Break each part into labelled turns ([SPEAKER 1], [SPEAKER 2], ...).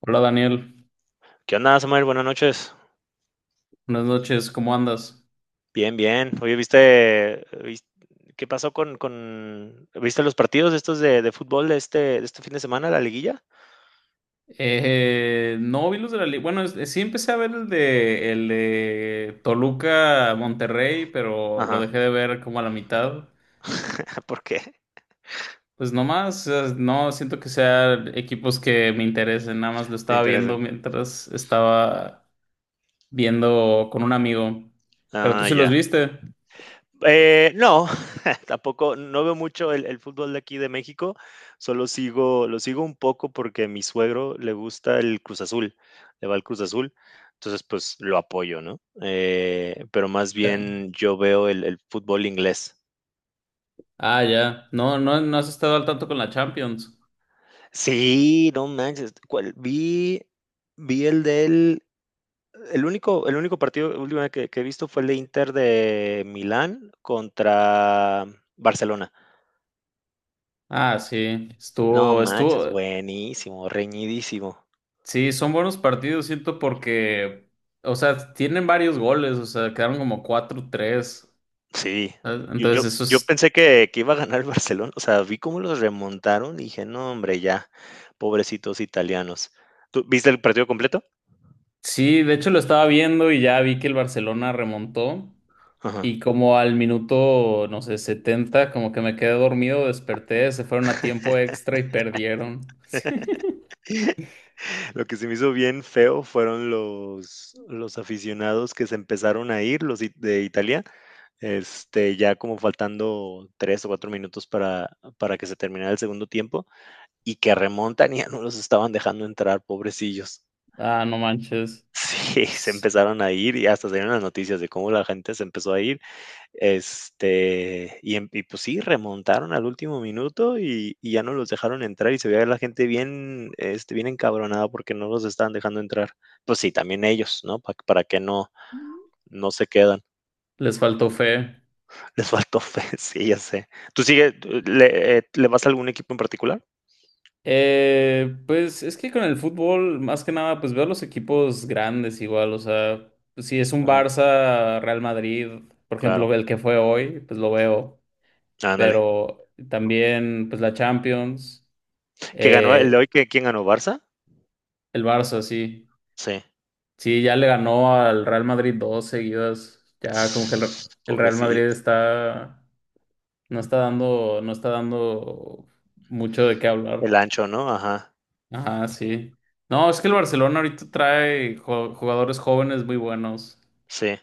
[SPEAKER 1] Hola Daniel,
[SPEAKER 2] ¿Qué onda, Samuel? Buenas noches.
[SPEAKER 1] buenas noches, ¿cómo andas?
[SPEAKER 2] Bien, bien. Oye, qué pasó con... ¿viste los partidos estos de fútbol de este fin de semana, la liguilla?
[SPEAKER 1] No vi los de la liga. Bueno, sí empecé a ver el el de Toluca Monterrey, pero lo
[SPEAKER 2] Ajá.
[SPEAKER 1] dejé de ver como a la mitad.
[SPEAKER 2] ¿Por qué?
[SPEAKER 1] Pues no más, no siento que sean equipos que me interesen, nada más lo
[SPEAKER 2] Me
[SPEAKER 1] estaba viendo
[SPEAKER 2] interesan.
[SPEAKER 1] mientras estaba viendo con un amigo. Pero tú
[SPEAKER 2] Ah,
[SPEAKER 1] sí los
[SPEAKER 2] ya.
[SPEAKER 1] viste.
[SPEAKER 2] No, tampoco, no veo mucho el fútbol de aquí de México, lo sigo un poco porque a mi suegro le gusta el Cruz Azul, le va el Cruz Azul, entonces pues lo apoyo, ¿no? Pero más
[SPEAKER 1] Ya.
[SPEAKER 2] bien yo veo el fútbol inglés.
[SPEAKER 1] Ah, ya. No has estado al tanto con la Champions.
[SPEAKER 2] Sí, no manches. ¿Cuál? Vi el único partido última que he visto fue el de Inter de Milán contra Barcelona.
[SPEAKER 1] Ah, sí.
[SPEAKER 2] No
[SPEAKER 1] Estuvo,
[SPEAKER 2] manches,
[SPEAKER 1] estuvo.
[SPEAKER 2] buenísimo, reñidísimo.
[SPEAKER 1] Sí, son buenos partidos, siento, porque, o sea, tienen varios goles, o sea, quedaron como 4-3,
[SPEAKER 2] Sí,
[SPEAKER 1] ¿sabes?
[SPEAKER 2] yo, yo,
[SPEAKER 1] Entonces, eso
[SPEAKER 2] yo
[SPEAKER 1] es...
[SPEAKER 2] pensé que iba a ganar el Barcelona. O sea, vi cómo los remontaron y dije, no, hombre, ya, pobrecitos italianos. ¿Tú viste el partido completo?
[SPEAKER 1] Sí, de hecho lo estaba viendo y ya vi que el Barcelona remontó
[SPEAKER 2] Ajá.
[SPEAKER 1] y como al minuto, no sé, 70 como que me quedé dormido, desperté, se fueron a tiempo extra y perdieron.
[SPEAKER 2] Lo que se me hizo bien feo fueron los aficionados que se empezaron a ir, de Italia, ya como faltando 3 o 4 minutos para que se terminara el segundo tiempo, y que remontan y ya no los estaban dejando entrar, pobrecillos.
[SPEAKER 1] Ah, no manches,
[SPEAKER 2] Sí, se
[SPEAKER 1] pues,
[SPEAKER 2] empezaron a ir y hasta salieron las noticias de cómo la gente se empezó a ir. Y pues sí, remontaron al último minuto, y ya no los dejaron entrar y se veía la gente bien encabronada porque no los estaban dejando entrar. Pues sí, también ellos, ¿no? Para que no, no se quedan.
[SPEAKER 1] les faltó fe.
[SPEAKER 2] Les faltó fe, sí, ya sé. ¿Tú sigue, tú le, le vas a algún equipo en particular?
[SPEAKER 1] Pues es que con el fútbol, más que nada, pues veo los equipos grandes igual, o sea, si es un
[SPEAKER 2] Ajá,
[SPEAKER 1] Barça, Real Madrid, por ejemplo,
[SPEAKER 2] claro.
[SPEAKER 1] el que fue hoy, pues lo veo,
[SPEAKER 2] Ándale.
[SPEAKER 1] pero también pues la Champions,
[SPEAKER 2] ¿Que ganó el de
[SPEAKER 1] eh,
[SPEAKER 2] hoy? Que ¿Quién ganó? ¿Barça?
[SPEAKER 1] el Barça, sí,
[SPEAKER 2] Sí.
[SPEAKER 1] sí, ya le ganó al Real Madrid dos seguidas, ya como que el Real
[SPEAKER 2] Pobrecillo.
[SPEAKER 1] Madrid está, no está dando, no está dando mucho de qué hablar.
[SPEAKER 2] El ancho, ¿no? Ajá.
[SPEAKER 1] Ajá, sí. No, es que el Barcelona ahorita trae jugadores jóvenes muy buenos
[SPEAKER 2] Sí.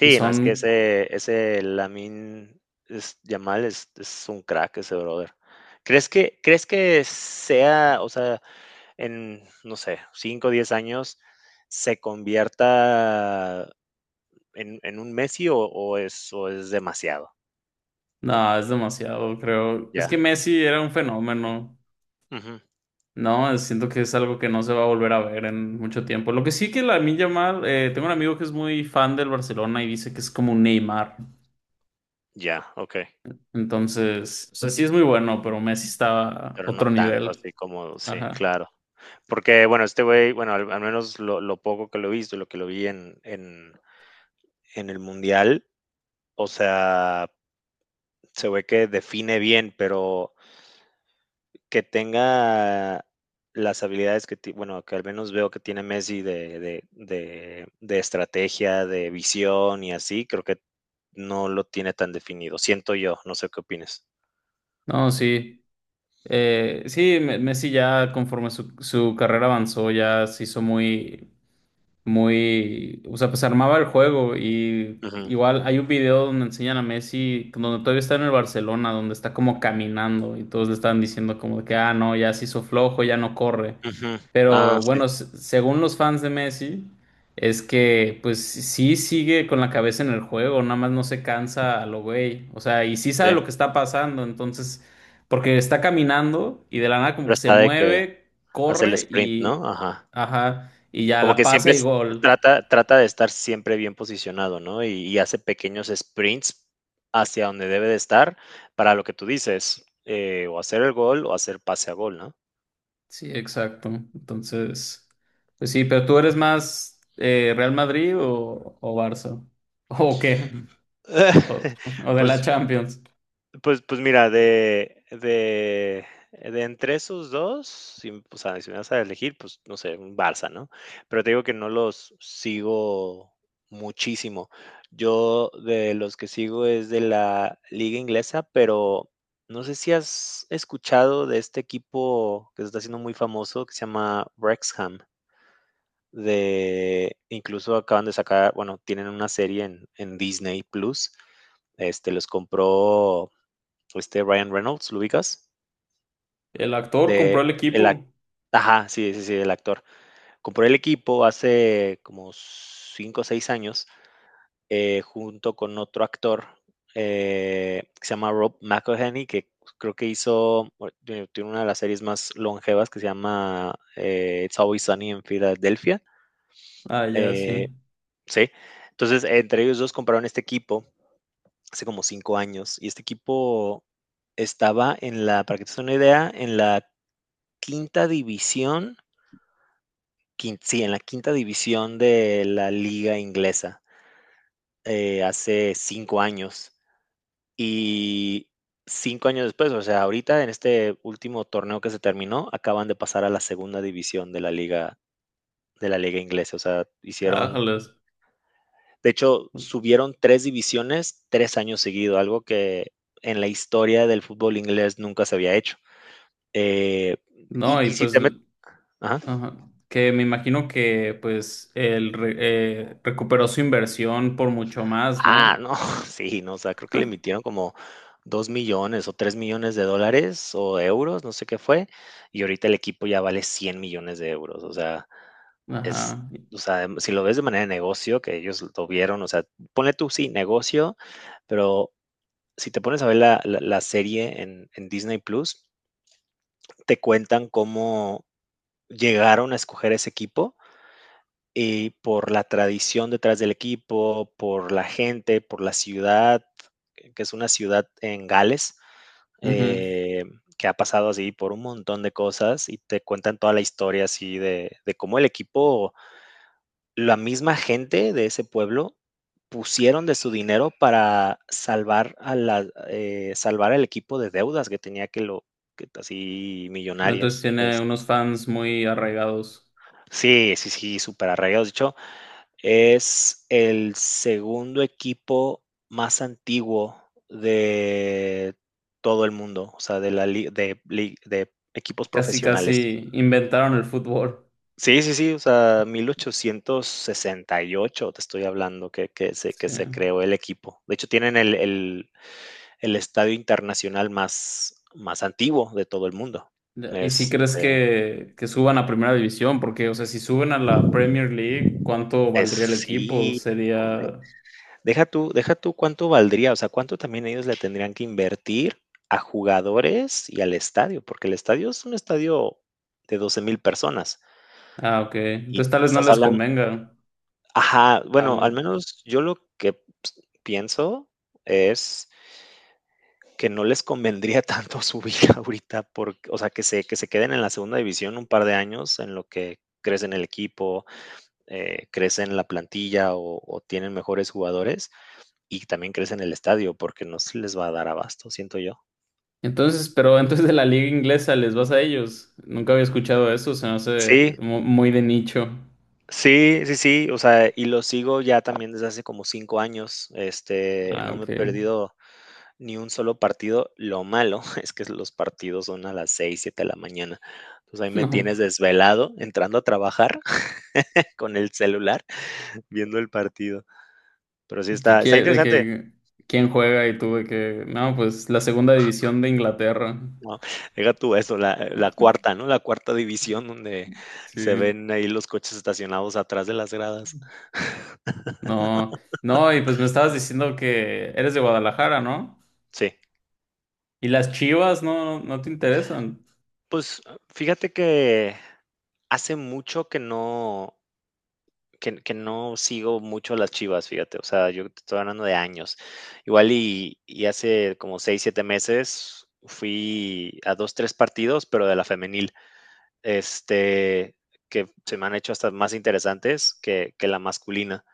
[SPEAKER 1] y
[SPEAKER 2] no, es que
[SPEAKER 1] son,
[SPEAKER 2] ese Lamine es Yamal es un crack ese brother. ¿Crees que sea, o sea, en, no sé, 5 o 10 años se convierta en un Messi o es demasiado?
[SPEAKER 1] nada, es demasiado, creo. Es
[SPEAKER 2] Ya,
[SPEAKER 1] que Messi era un fenómeno,
[SPEAKER 2] ujú,
[SPEAKER 1] ¿no? Siento que es algo que no se va a volver a ver en mucho tiempo. Lo que sí que la milla mal, tengo un amigo que es muy fan del Barcelona y dice que es como un Neymar.
[SPEAKER 2] ya, okey,
[SPEAKER 1] Entonces, o sea, sí es muy bueno, pero Messi está a
[SPEAKER 2] pero no
[SPEAKER 1] otro
[SPEAKER 2] tanto
[SPEAKER 1] nivel.
[SPEAKER 2] así como sí,
[SPEAKER 1] Ajá.
[SPEAKER 2] claro. Porque, bueno, este güey, bueno, al menos lo poco que lo he visto, lo que lo vi en el mundial. O sea, se ve que define bien, pero que tenga las habilidades que, bueno, que al menos veo que tiene Messi de estrategia, de visión y así, creo que no lo tiene tan definido. Siento yo, no sé qué opines.
[SPEAKER 1] No, sí. Messi ya conforme su carrera avanzó, ya se hizo muy, muy, o sea, pues armaba el juego y
[SPEAKER 2] Ujú,
[SPEAKER 1] igual hay un video donde enseñan a Messi, donde todavía está en el Barcelona, donde está como caminando y todos le estaban diciendo como de que, ah, no, ya se hizo flojo, ya no corre.
[SPEAKER 2] ujú. Ah,
[SPEAKER 1] Pero
[SPEAKER 2] sí,
[SPEAKER 1] bueno, según los fans de Messi, es que pues sí sigue con la cabeza en el juego, nada más no se cansa a lo güey, o sea, y sí sabe
[SPEAKER 2] sí.
[SPEAKER 1] lo que está pasando, entonces, porque está caminando y de la nada como
[SPEAKER 2] Pero
[SPEAKER 1] que se
[SPEAKER 2] está de que
[SPEAKER 1] mueve,
[SPEAKER 2] hace el
[SPEAKER 1] corre
[SPEAKER 2] sprint,
[SPEAKER 1] y...
[SPEAKER 2] ¿no? Ajá.
[SPEAKER 1] Ajá y ya
[SPEAKER 2] Como
[SPEAKER 1] la
[SPEAKER 2] que
[SPEAKER 1] pasa
[SPEAKER 2] siempre
[SPEAKER 1] y gol.
[SPEAKER 2] trata de estar siempre bien posicionado, ¿no? Y hace pequeños sprints hacia donde debe de estar para lo que tú dices, o hacer el gol o hacer pase a gol, ¿no?
[SPEAKER 1] Sí, exacto. Entonces, pues sí, pero tú eres más Real Madrid o Barça. ¿O qué? O, o de la
[SPEAKER 2] Pues
[SPEAKER 1] Champions.
[SPEAKER 2] pues mira, de entre esos 2, o sea, si me vas a elegir, pues, no sé, un Barça, ¿no? Pero te digo que no los sigo muchísimo. Yo de los que sigo es de la liga inglesa, pero no sé si has escuchado de este equipo que se está haciendo muy famoso, que se llama Wrexham. De incluso acaban de sacar, bueno, tienen una serie en Disney Plus. Los compró este Ryan Reynolds, ¿lo ubicas?
[SPEAKER 1] El actor
[SPEAKER 2] De
[SPEAKER 1] compró el
[SPEAKER 2] el ac-
[SPEAKER 1] equipo.
[SPEAKER 2] Ajá, sí, sí, sí, el actor. Compró el equipo hace como 5 o 6 años, junto con otro actor, que se llama Rob McElhenney, que creo que hizo, bueno, tiene una de las series más longevas que se llama It's Always Sunny en Filadelfia.
[SPEAKER 1] Ah, ya, sí.
[SPEAKER 2] Eh, sí, entonces entre ellos dos compraron este equipo hace como 5 años y este equipo estaba en la, para que te des una idea, en la quinta división. Quin Sí, en la quinta división de la liga inglesa, hace 5 años. Y 5 años después, o sea, ahorita en este último torneo que se terminó, acaban de pasar a la segunda división de la liga inglesa. O sea, hicieron
[SPEAKER 1] Ájales.
[SPEAKER 2] de hecho, subieron 3 divisiones 3 años seguidos, algo que en la historia del fútbol inglés nunca se había hecho. Eh,
[SPEAKER 1] No,
[SPEAKER 2] y
[SPEAKER 1] y
[SPEAKER 2] y si
[SPEAKER 1] pues,
[SPEAKER 2] te metes.
[SPEAKER 1] ajá, que me imagino que pues recuperó su inversión por mucho más,
[SPEAKER 2] Ah,
[SPEAKER 1] ¿no?
[SPEAKER 2] no, sí, no, o sea, creo que le emitieron como 2 millones o 3 millones de dólares o euros, no sé qué fue, y ahorita el equipo ya vale 100 millones de euros. O sea, es
[SPEAKER 1] Ajá.
[SPEAKER 2] o sea, si lo ves de manera de negocio, que ellos lo vieron, o sea, ponle tú, sí, negocio, pero si te pones a ver la serie en Disney Plus, te cuentan cómo llegaron a escoger ese equipo. Y por la tradición detrás del equipo, por la gente, por la ciudad, que es una ciudad en Gales,
[SPEAKER 1] Ujú.
[SPEAKER 2] eh, que ha pasado así por un montón de cosas y te cuentan toda la historia así de cómo el equipo, la misma gente de ese pueblo pusieron de su dinero para salvar al equipo de deudas que tenía que lo que así
[SPEAKER 1] Entonces
[SPEAKER 2] millonarias.
[SPEAKER 1] tiene unos fans muy arraigados.
[SPEAKER 2] Sí, sí, sí, superarraigados. De hecho, es el segundo equipo más antiguo de todo el mundo, o sea, de la li- de equipos
[SPEAKER 1] Casi,
[SPEAKER 2] profesionales.
[SPEAKER 1] casi inventaron el fútbol.
[SPEAKER 2] Sí, sí, sí, o sea, 1868 te estoy hablando que, que se, que
[SPEAKER 1] Sí.
[SPEAKER 2] se creó el equipo. De hecho, tienen el estadio internacional más antiguo de todo el mundo.
[SPEAKER 1] Ya, ¿y si crees
[SPEAKER 2] Este,
[SPEAKER 1] que suban a primera división? Porque, o sea, si suben a la Premier League, ¿cuánto
[SPEAKER 2] es,
[SPEAKER 1] valdría el equipo?
[SPEAKER 2] sí, hombre.
[SPEAKER 1] Sería...
[SPEAKER 2] Deja tú cuánto valdría, o sea, cuánto también ellos le tendrían que invertir a jugadores y al estadio, porque el estadio es un estadio de 12.000 personas
[SPEAKER 1] Ah, ok.
[SPEAKER 2] y
[SPEAKER 1] Entonces tal vez no
[SPEAKER 2] estás
[SPEAKER 1] les
[SPEAKER 2] hablando,
[SPEAKER 1] convenga
[SPEAKER 2] ajá, bueno, al
[SPEAKER 1] aún.
[SPEAKER 2] menos yo lo que pienso es que no les convendría tanto subir ahorita porque, o sea, que se queden en la segunda división un par de años en lo que crece en el equipo, crece en la plantilla o tienen mejores jugadores, y también crece en el estadio, porque no se les va a dar abasto, siento yo.
[SPEAKER 1] Entonces, pero entonces de la liga inglesa les vas a ellos. Nunca había escuchado eso, se me hace
[SPEAKER 2] Sí,
[SPEAKER 1] muy de nicho.
[SPEAKER 2] sí, sí, sí, o sea, y lo sigo ya también desde hace como 5 años,
[SPEAKER 1] Ah,
[SPEAKER 2] no me he
[SPEAKER 1] ok.
[SPEAKER 2] perdido ni un solo partido. Lo malo es que los partidos son a las 6 7 de la mañana, entonces ahí me tienes
[SPEAKER 1] No.
[SPEAKER 2] desvelado entrando a trabajar con el celular viendo el partido, pero sí está, está
[SPEAKER 1] De
[SPEAKER 2] interesante.
[SPEAKER 1] que quién juega y tú de que... No, pues la segunda división de Inglaterra.
[SPEAKER 2] No, deja tú eso, la cuarta, ¿no? La cuarta división donde se
[SPEAKER 1] Sí.
[SPEAKER 2] ven ahí los coches estacionados atrás de las gradas.
[SPEAKER 1] No, no, y pues me estabas diciendo que eres de Guadalajara, ¿no?
[SPEAKER 2] Sí.
[SPEAKER 1] Y las Chivas no, no te interesan.
[SPEAKER 2] Pues, ah, fíjate que hace mucho que no sigo mucho las Chivas, fíjate. O sea, yo te estoy hablando de años. Igual y hace como 6 o 7 meses fui a 2 3 partidos, pero de la femenil, este, que se me han hecho hasta más interesantes que la masculina.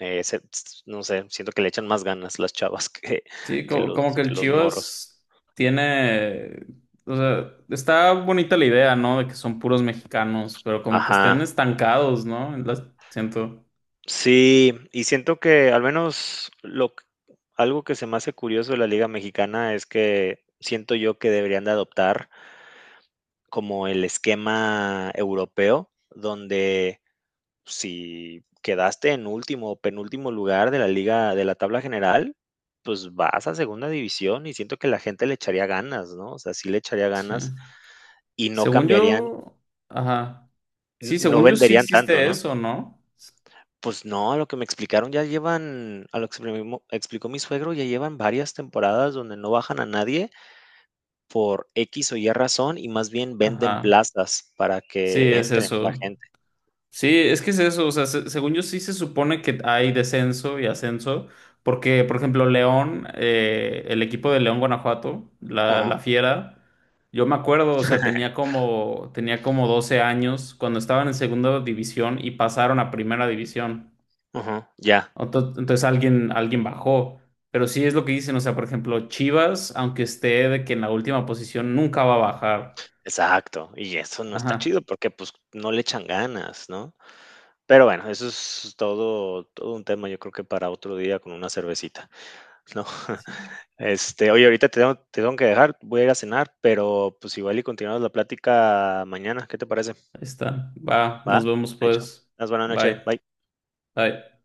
[SPEAKER 2] No sé, siento que le echan más ganas las chavas que
[SPEAKER 1] Sí,
[SPEAKER 2] que
[SPEAKER 1] como,
[SPEAKER 2] los
[SPEAKER 1] que el
[SPEAKER 2] que los morros.
[SPEAKER 1] Chivas tiene, o sea, está bonita la idea, ¿no? De que son puros mexicanos, pero como que
[SPEAKER 2] Ajá.
[SPEAKER 1] están estancados, ¿no? En las, siento.
[SPEAKER 2] Sí, y siento que al menos lo q algo que se me hace curioso de la liga mexicana es que siento yo que deberían de adoptar como el esquema europeo, donde si quedaste en último o penúltimo lugar de la tabla general, pues vas a segunda división y siento que la gente le echaría ganas, ¿no? O sea, sí le echaría
[SPEAKER 1] Sí.
[SPEAKER 2] ganas y no
[SPEAKER 1] Según
[SPEAKER 2] cambiarían,
[SPEAKER 1] yo, ajá.
[SPEAKER 2] n
[SPEAKER 1] Sí,
[SPEAKER 2] no
[SPEAKER 1] según yo sí
[SPEAKER 2] venderían tanto,
[SPEAKER 1] existe
[SPEAKER 2] ¿no?
[SPEAKER 1] eso, ¿no?
[SPEAKER 2] Pues no, a lo que me explicó mi suegro, ya llevan varias temporadas donde no bajan a nadie por X o Y razón, y más bien venden
[SPEAKER 1] Ajá.
[SPEAKER 2] plazas para
[SPEAKER 1] Sí,
[SPEAKER 2] que
[SPEAKER 1] es
[SPEAKER 2] entre la
[SPEAKER 1] eso.
[SPEAKER 2] gente.
[SPEAKER 1] Sí, es que es eso, o sea, según yo sí se supone que hay descenso y ascenso, porque, por ejemplo, León, el equipo de León Guanajuato, la
[SPEAKER 2] Ajá,
[SPEAKER 1] Fiera, yo me acuerdo, o sea, tenía como 12 años cuando estaban en segunda división y pasaron a primera división.
[SPEAKER 2] ajá, ya,
[SPEAKER 1] Entonces, alguien, alguien bajó, pero sí es lo que dicen, o sea, por ejemplo, Chivas, aunque esté de que en la última posición, nunca va a bajar.
[SPEAKER 2] exacto. Y eso no está
[SPEAKER 1] Ajá,
[SPEAKER 2] chido porque, pues, no le echan ganas, ¿no? Pero bueno, eso es todo un tema, yo creo que para otro día con una cervecita, ¿no?
[SPEAKER 1] sí,
[SPEAKER 2] Oye, ahorita te tengo que dejar, voy a ir a cenar, pero, pues, igual y continuamos la plática mañana, ¿qué te parece?
[SPEAKER 1] ahí está, va,
[SPEAKER 2] Va,
[SPEAKER 1] nos vemos
[SPEAKER 2] hecho.
[SPEAKER 1] pues,
[SPEAKER 2] Más buena noche.
[SPEAKER 1] bye.
[SPEAKER 2] Bye.
[SPEAKER 1] Ay.